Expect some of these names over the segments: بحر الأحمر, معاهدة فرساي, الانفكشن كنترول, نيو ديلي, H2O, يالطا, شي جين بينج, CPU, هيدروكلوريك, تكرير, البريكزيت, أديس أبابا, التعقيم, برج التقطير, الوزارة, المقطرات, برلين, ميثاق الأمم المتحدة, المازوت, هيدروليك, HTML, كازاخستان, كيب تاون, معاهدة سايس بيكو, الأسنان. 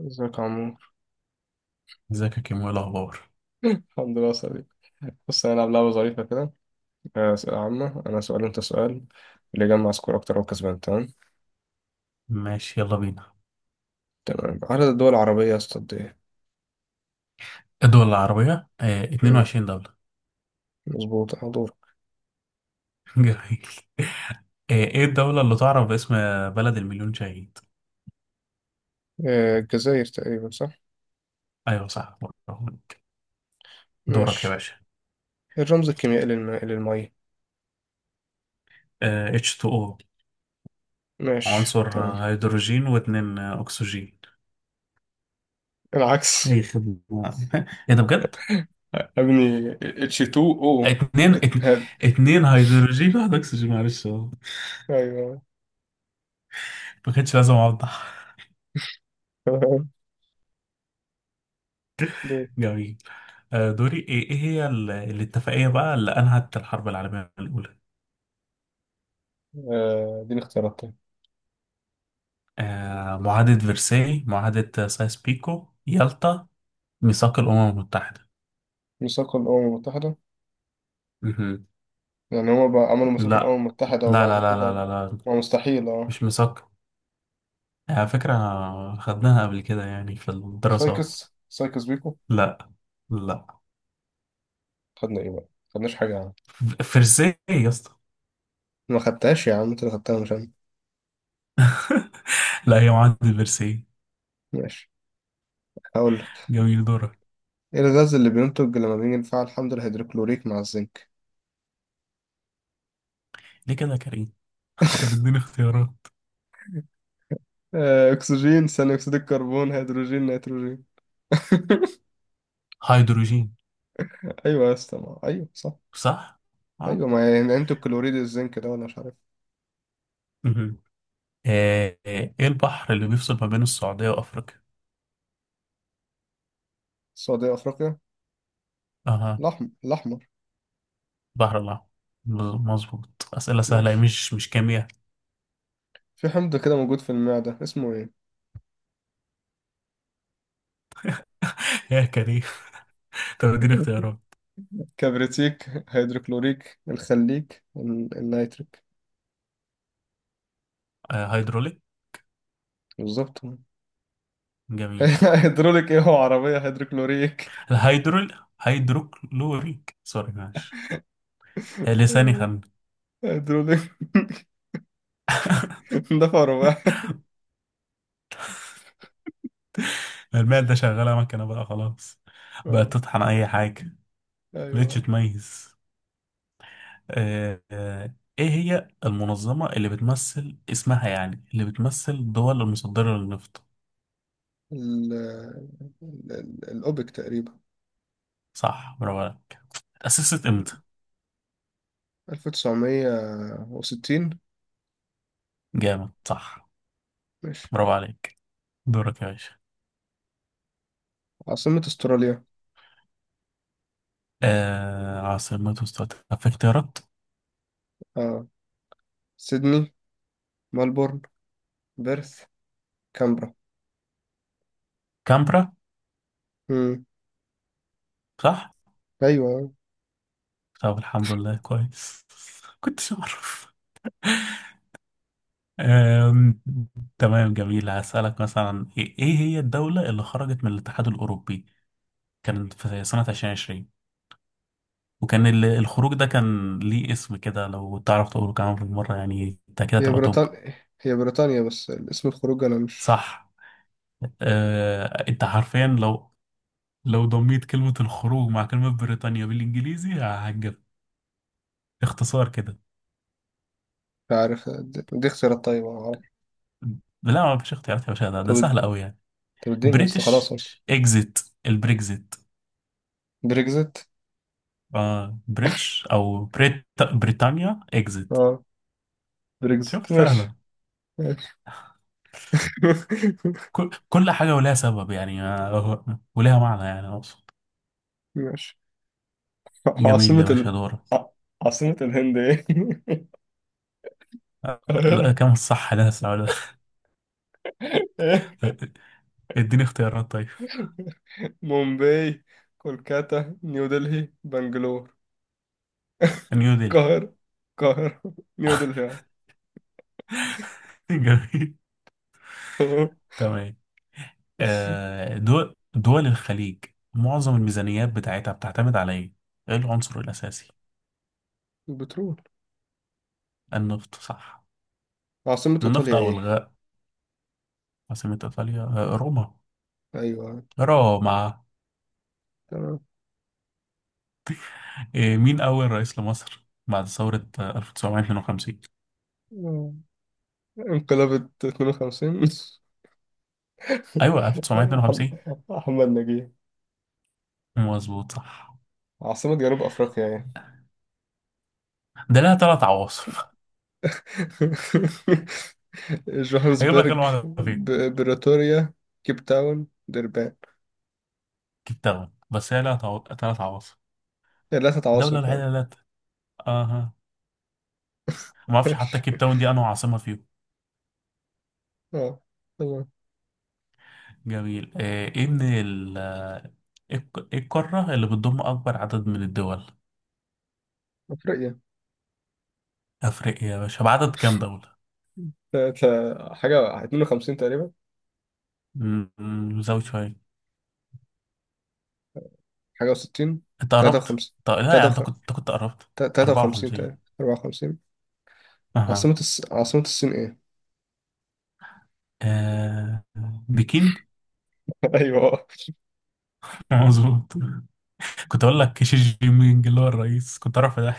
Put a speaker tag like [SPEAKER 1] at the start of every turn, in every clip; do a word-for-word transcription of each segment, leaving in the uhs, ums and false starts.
[SPEAKER 1] ازيك يا عمور.
[SPEAKER 2] ازيك يا كيمو، ايه الاخبار؟
[SPEAKER 1] الحمد لله صديق. بص، هنلعب لعبة ظريفة كده. آه، أسئلة عامة، أنا سؤال وأنت سؤال. اللي يجمع سكور أكتر هو كسبان. تمام.
[SPEAKER 2] ماشي، يلا بينا.
[SPEAKER 1] تمام، عدد الدول العربية يا اسطى قد إيه؟
[SPEAKER 2] الدول العربية آه
[SPEAKER 1] مم،
[SPEAKER 2] اتنين وعشرين دولة.
[SPEAKER 1] مظبوط، حضور.
[SPEAKER 2] جميل. آه ايه الدولة اللي تعرف باسم بلد المليون شهيد؟
[SPEAKER 1] آه، الجزائر تقريبا، صح؟
[SPEAKER 2] ايوه صح، برافوك. دورك يا
[SPEAKER 1] ماشي.
[SPEAKER 2] باشا.
[SPEAKER 1] الرمز الكيميائي للم... للمية.
[SPEAKER 2] آه اتش تو او.
[SPEAKER 1] ماشي
[SPEAKER 2] عنصر
[SPEAKER 1] تمام.
[SPEAKER 2] آه، هيدروجين، واتنين آه، اكسجين.
[SPEAKER 1] العكس.
[SPEAKER 2] اي خدمة. ايه ده بجد؟
[SPEAKER 1] ابني اتش تو او.
[SPEAKER 2] اتنين اتن-
[SPEAKER 1] هاد
[SPEAKER 2] اتنين هيدروجين، واحد اكسجين. معلش اه.
[SPEAKER 1] أيوه.
[SPEAKER 2] ما كانش لازم اوضح.
[SPEAKER 1] تمام، دول.
[SPEAKER 2] جميل. آه دوري. ايه ايه هي ال- الاتفاقية بقى اللي انهت الحرب العالمية الاولى؟
[SPEAKER 1] آه، دي الاختيارات، طيب.
[SPEAKER 2] آه، معاهدة فرساي، معاهدة سايس بيكو، يالطا، ميثاق الأمم المتحدة؟
[SPEAKER 1] ميثاق الأمم المتحدة.
[SPEAKER 2] مهم.
[SPEAKER 1] يعني هما بقى عملوا مساكن الأمم
[SPEAKER 2] لا،
[SPEAKER 1] المتحدة
[SPEAKER 2] لا،
[SPEAKER 1] وبعد
[SPEAKER 2] لا، لا، لا،
[SPEAKER 1] كده.
[SPEAKER 2] لا، لا،
[SPEAKER 1] ما مستحيل اه.
[SPEAKER 2] مش ميثاق. على فكرة، خدناها قبل كده يعني في الدراسات.
[SPEAKER 1] سايكس، سايكس بيكو.
[SPEAKER 2] لا، لا،
[SPEAKER 1] خدنا ايه بقى؟ خدناش حاجة يا عم.
[SPEAKER 2] ف- فرساي يا اسطى.
[SPEAKER 1] ما خدتهاش يا عم، انت اللي خدتها مش انا.
[SPEAKER 2] لا، هي معاهدة فرساي.
[SPEAKER 1] ماشي، هقول لك.
[SPEAKER 2] جميل، دورك.
[SPEAKER 1] ايه الغاز اللي بينتج لما بنيجي نفعل الحمض الهيدروكلوريك مع الزنك؟
[SPEAKER 2] ليه كده يا كريم؟ انت بتديني اختيارات.
[SPEAKER 1] آه، اكسجين، ثاني اكسيد الكربون، هيدروجين، نيتروجين.
[SPEAKER 2] هيدروجين.
[SPEAKER 1] ايوه يا اسطى، ما- ايوه صح.
[SPEAKER 2] صح؟ اه.
[SPEAKER 1] ايوه، ما يعني انتوا الكلوريد الزنك ده، ولا مش عارف.
[SPEAKER 2] مهم. آه، آه، ايه البحر اللي بيفصل ما بين السعودية وأفريقيا؟
[SPEAKER 1] السعودية افريقيا،
[SPEAKER 2] اها.
[SPEAKER 1] الاحمر الاحمر.
[SPEAKER 2] بحر الأحمر. مظبوط، أسئلة سهلة،
[SPEAKER 1] ماشي.
[SPEAKER 2] مش مش كيمياء.
[SPEAKER 1] في حمض كده موجود في المعدة، اسمه ايه؟
[SPEAKER 2] يا كريم، طب اديني اختيارات.
[SPEAKER 1] كبريتيك، هيدروكلوريك، الخليك، ال- النيتريك.
[SPEAKER 2] آه، هيدروليك.
[SPEAKER 1] بالظبط.
[SPEAKER 2] جميل.
[SPEAKER 1] هيدروليك ايه، هو عربية هيدروكلوريك.
[SPEAKER 2] الهيدرول، هيدروكلوريك. سوري معلش، آه، لساني خم.
[SPEAKER 1] هيدروليك. دفع رباعي.
[SPEAKER 2] الماء ده شغالة مكنة بقى خلاص، بقت
[SPEAKER 1] اه.
[SPEAKER 2] تطحن أي حاجة، مبقتش
[SPEAKER 1] ايوه،
[SPEAKER 2] تميز. آه، آه، إيه هي المنظمة اللي بتمثل اسمها يعني اللي بتمثل الدول المصدرة للنفط؟
[SPEAKER 1] ال ال- ال- الأوبك تقريبا.
[SPEAKER 2] صح، برافو عليك. اتأسست إمتى؟
[SPEAKER 1] ألف وتسعمية وستين.
[SPEAKER 2] جامد صح،
[SPEAKER 1] ماشي.
[SPEAKER 2] برافو عليك. دورك يا باشا.
[SPEAKER 1] عاصمة استراليا.
[SPEAKER 2] آه عاصمة استراليا؟ طب في اختيارات؟
[SPEAKER 1] اه، سيدني، ملبورن، بيرث، كامبرا.
[SPEAKER 2] كامبرا.
[SPEAKER 1] امم.
[SPEAKER 2] صح؟
[SPEAKER 1] ايوه،
[SPEAKER 2] طب الحمد لله، كويس. كنتش أعرف. آم، تمام، جميل. هسألك مثلا، إيه إيه هي الدولة اللي خرجت من الاتحاد الأوروبي؟ كان في سنة الفين وعشرين. وكان ال- الخروج ده كان ليه اسم كده، لو تعرف تقوله كمان بالمرة، يعني أنت كده
[SPEAKER 1] هي
[SPEAKER 2] تبقى توب.
[SPEAKER 1] بريطانيا، هي بريطانيا، بس الاسم الخروج انا مش
[SPEAKER 2] صح. آه أنت حرفيا، لو لو ضميت كلمة الخروج مع كلمة بريطانيا بالإنجليزي هتجيب اختصار كده.
[SPEAKER 1] عارف. دي, دي اختيارات طيبة.
[SPEAKER 2] لا، ما فيش اختيارات يا باشا، ده ده
[SPEAKER 1] طب،
[SPEAKER 2] سهل قوي يعني.
[SPEAKER 1] طب اديني يا اسطى خلاص
[SPEAKER 2] بريتش
[SPEAKER 1] اهو.
[SPEAKER 2] اكزيت، البريكزيت.
[SPEAKER 1] بريكزت.
[SPEAKER 2] آه بريتش او بريت، بريتانيا اكزيت.
[SPEAKER 1] اه
[SPEAKER 2] شوف
[SPEAKER 1] بريكزت،
[SPEAKER 2] سهله.
[SPEAKER 1] ماشي. ماشي.
[SPEAKER 2] كل, كل حاجه ولها سبب يعني، آه، ولها معنى، يعني اقصد.
[SPEAKER 1] ماشي.
[SPEAKER 2] جميل
[SPEAKER 1] عاصمة
[SPEAKER 2] يا
[SPEAKER 1] ال...
[SPEAKER 2] باشا، دورك.
[SPEAKER 1] ع- عاصمة الهند ايه؟
[SPEAKER 2] آه، لا،
[SPEAKER 1] القاهرة.
[SPEAKER 2] كم الصح ده السؤال ده؟
[SPEAKER 1] ايه؟
[SPEAKER 2] اديني اختيارات طيب.
[SPEAKER 1] مومباي، كولكاتا، نيو دلهي، بنجلور.
[SPEAKER 2] نيو ديلي.
[SPEAKER 1] القاهرة، القاهرة. نيو دلهي آه.
[SPEAKER 2] جميل،
[SPEAKER 1] تمام.
[SPEAKER 2] تمام. آه دول دول الخليج، معظم الميزانيات بتاعتها بتعتمد على ايه؟ ايه العنصر الاساسي؟
[SPEAKER 1] البترول.
[SPEAKER 2] النفط، صح.
[SPEAKER 1] عاصمة
[SPEAKER 2] النفط
[SPEAKER 1] ايطاليا
[SPEAKER 2] أو
[SPEAKER 1] ايه؟
[SPEAKER 2] الغاء. عاصمة إيطاليا آه، روما.
[SPEAKER 1] ايوه
[SPEAKER 2] روما.
[SPEAKER 1] تمام.
[SPEAKER 2] إيه، مين أول رئيس لمصر بعد ثورة آه، ألف وتسعمائة واثنين وخمسين؟
[SPEAKER 1] آه. انقلاب اتنين وخمسين.
[SPEAKER 2] أيوة، ألف وتسعمائة واثنين وخمسين.
[SPEAKER 1] احمد نجيب.
[SPEAKER 2] مظبوط، صح.
[SPEAKER 1] عاصمة جنوب افريقيا ايه؟
[SPEAKER 2] ده لها تلات عواصم. هجيب لك
[SPEAKER 1] جوهانسبرج،
[SPEAKER 2] المعلومة فين؟
[SPEAKER 1] ب- بريتوريا، كيب تاون، دربان.
[SPEAKER 2] كيب تاون، بس هي لها تعو- تلات عواصم.
[SPEAKER 1] ثلاثة عواصم
[SPEAKER 2] الدولة
[SPEAKER 1] فعلا.
[SPEAKER 2] الوحيدة اللي لها تلات- أها، ما أعرفش حتى
[SPEAKER 1] ماشي.
[SPEAKER 2] كيب تاون دي أنهي عاصمة فيهم.
[SPEAKER 1] اه، تمام.
[SPEAKER 2] جميل. آه، إيه من ال آه، إيه الق- إيه القارة اللي بتضم أكبر عدد من الدول؟
[SPEAKER 1] افريقيا.
[SPEAKER 2] أفريقيا يا باشا، بعدد كام دولة؟
[SPEAKER 1] تا- تا- حاجة اتنين وخمسين تقريبا،
[SPEAKER 2] مم، زود شوية.
[SPEAKER 1] حاجة وستين،
[SPEAKER 2] انت قربت.
[SPEAKER 1] تلاتة وخمسين،
[SPEAKER 2] طب لا، يعني انت كنت انت كنت قربت.
[SPEAKER 1] تلاتة وخمسين
[SPEAKER 2] أربعة وخمسين.
[SPEAKER 1] تقريبا، اربعة وخمسين.
[SPEAKER 2] اها.
[SPEAKER 1] عاصمة الس... عاصمة الصين ايه؟
[SPEAKER 2] آه... بكين.
[SPEAKER 1] ايوه آه.
[SPEAKER 2] مظبوط. كنت اقول لك شي جين بينج اللي هو الرئيس، كنت اعرف ده.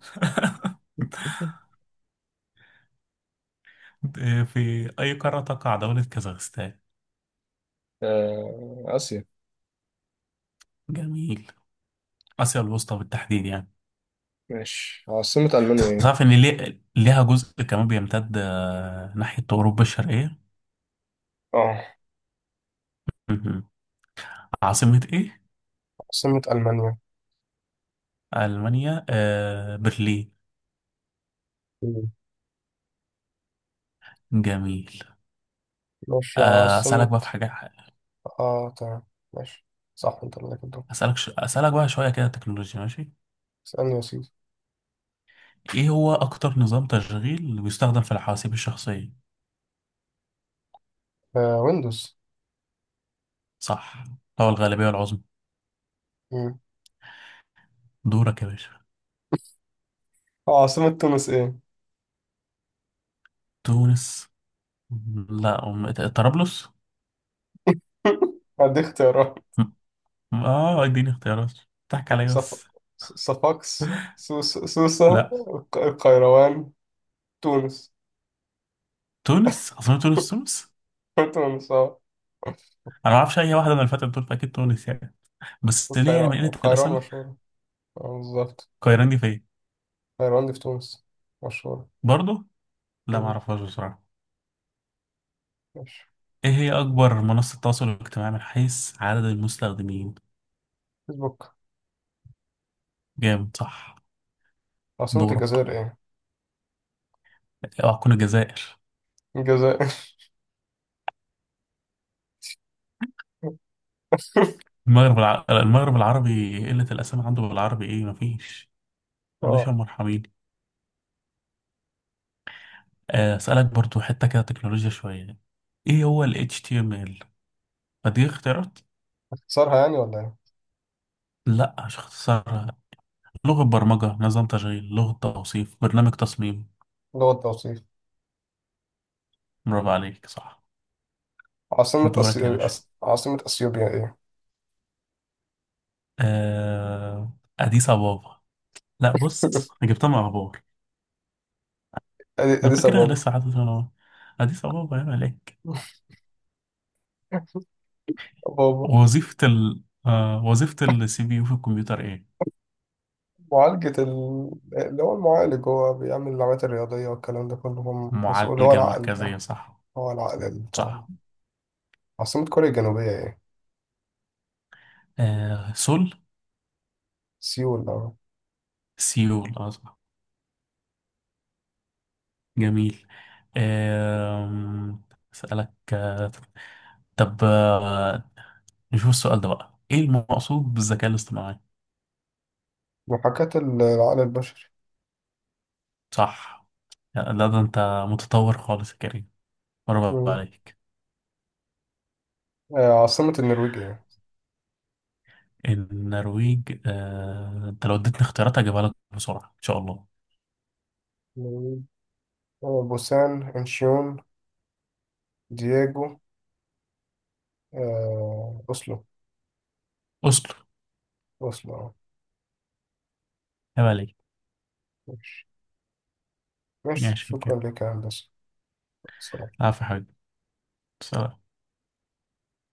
[SPEAKER 2] آه، في اي قاره تقع دوله كازاخستان؟
[SPEAKER 1] آه، آسيا.
[SPEAKER 2] جميل، اسيا الوسطى بالتحديد يعني.
[SPEAKER 1] ماشي. عاصمة ألمانيا ايه؟
[SPEAKER 2] تعرف ان ليه ليها جزء كمان بيمتد آه، ناحيه اوروبا الشرقيه.
[SPEAKER 1] اه،
[SPEAKER 2] مهم. عاصمه ايه؟
[SPEAKER 1] عاصمة ألمانيا.
[SPEAKER 2] المانيا آه... برلين.
[SPEAKER 1] مم.
[SPEAKER 2] جميل.
[SPEAKER 1] ماشي،
[SPEAKER 2] آه، اسالك
[SPEAKER 1] عاصمة.
[SPEAKER 2] بقى في حاجه.
[SPEAKER 1] اه، تمام. ماشي. صح، انت اللي كنت.
[SPEAKER 2] أسألك ش... أسألك بقى شوية كده تكنولوجيا، ماشي.
[SPEAKER 1] اسألني يا سيدي.
[SPEAKER 2] إيه هو أكتر نظام تشغيل اللي بيستخدم في الحواسيب الشخصية؟
[SPEAKER 1] آه، ويندوز.
[SPEAKER 2] صح، هو الغالبية العظمى.
[SPEAKER 1] مم.
[SPEAKER 2] دورك يا باشا.
[SPEAKER 1] آه، عاصمة تونس ايه؟
[SPEAKER 2] تونس. لا أم- طرابلس.
[SPEAKER 1] هدي اختيارات.
[SPEAKER 2] م- آه اديني اختيارات، تحكي عليا
[SPEAKER 1] صف...
[SPEAKER 2] بس.
[SPEAKER 1] صفاقس، سوس... سوسة،
[SPEAKER 2] لا،
[SPEAKER 1] الق- القيروان، تونس.
[SPEAKER 2] تونس أصلا، تونس تونس.
[SPEAKER 1] تونس اه.
[SPEAKER 2] أنا ما أعرفش أي واحدة من الفترة دول، فأكيد تونس يعني. بس ليه يعني؟ من
[SPEAKER 1] القيروان،
[SPEAKER 2] قلة
[SPEAKER 1] القيروان
[SPEAKER 2] الأسامي.
[SPEAKER 1] مشهورة. اه، بالظبط.
[SPEAKER 2] القاهرة دي فين؟
[SPEAKER 1] القيروان دي في تونس، مشهورة.
[SPEAKER 2] برضه، لا ما
[SPEAKER 1] مم.
[SPEAKER 2] أعرفهاش بصراحة.
[SPEAKER 1] ماشي.
[SPEAKER 2] إيه هي أكبر منصة تواصل اجتماعي من حيث عدد المستخدمين؟
[SPEAKER 1] فيسبوك.
[SPEAKER 2] جامد، صح.
[SPEAKER 1] عاصمة
[SPEAKER 2] دورك.
[SPEAKER 1] الجزائر ايه؟
[SPEAKER 2] اه، هتكون الجزائر.
[SPEAKER 1] الجزائر.
[SPEAKER 2] المغرب الع... المغرب العربي، قلة الأسامي عنده بالعربي، إيه مفيش. ما عندوش يا
[SPEAKER 1] اه.
[SPEAKER 2] مرحبين. آه، أسألك برضو حتة كده تكنولوجيا شوية. إيه هو ال اتش تي ام ال؟ فدي اختيارات؟
[SPEAKER 1] اختصارها يعني ولا ايه؟
[SPEAKER 2] لأ، مش اختصارها. لغة برمجة، نظام تشغيل، لغة توصيف، برنامج تصميم.
[SPEAKER 1] لغة توصيف.
[SPEAKER 2] برافو عليك، صح.
[SPEAKER 1] عاصمة
[SPEAKER 2] دورك يا
[SPEAKER 1] أسي...
[SPEAKER 2] باشا.
[SPEAKER 1] أس... عاصمة أثيوبيا ايه؟
[SPEAKER 2] آه... أديس أبابا. لأ بص، أنا جبتها من أخبار.
[SPEAKER 1] أدي
[SPEAKER 2] أنا
[SPEAKER 1] أديس
[SPEAKER 2] فاكرها
[SPEAKER 1] أبابا.
[SPEAKER 2] لسه، حاطط أنا أديس أبابا يا ملاك.
[SPEAKER 1] بابا.
[SPEAKER 2] وظيفة ال آه وظيفة السي بي يو في الكمبيوتر ايه؟
[SPEAKER 1] معالجة ال- اللي هو المعالج، هو بيعمل العمليات الرياضية والكلام ده كله، هو مسؤول، هو
[SPEAKER 2] المعالجة
[SPEAKER 1] العقل
[SPEAKER 2] المركزية،
[SPEAKER 1] آه،
[SPEAKER 2] صح.
[SPEAKER 1] هو العقل اللي بتاع.
[SPEAKER 2] صح.
[SPEAKER 1] عاصمة كوريا الجنوبية ايه؟
[SPEAKER 2] آه سول.
[SPEAKER 1] سيول اه.
[SPEAKER 2] سيول اه. صح، جميل. آه اسألك آه طب آه نشوف السؤال ده بقى. ايه المقصود بالذكاء الاصطناعي؟
[SPEAKER 1] محاكاة ال- العقل البشري.
[SPEAKER 2] صح. لا، ده انت متطور خالص يا كريم، برافو
[SPEAKER 1] مم.
[SPEAKER 2] عليك.
[SPEAKER 1] آه، عاصمة النرويج ايه؟
[SPEAKER 2] النرويج، آه انت لو اديتني اختيارات هجيبها لك بسرعة ان شاء الله.
[SPEAKER 1] النرويج. آه، بوسان، انشيون، دييجو، آه، أوسلو.
[SPEAKER 2] اصل،
[SPEAKER 1] أوسلو اه.
[SPEAKER 2] عيب عليك.
[SPEAKER 1] ماشي. ماشي،
[SPEAKER 2] ماشي كده.
[SPEAKER 1] شكرا لك يا هندسة. سلام.
[SPEAKER 2] عفوا يا حبيبي. سلام.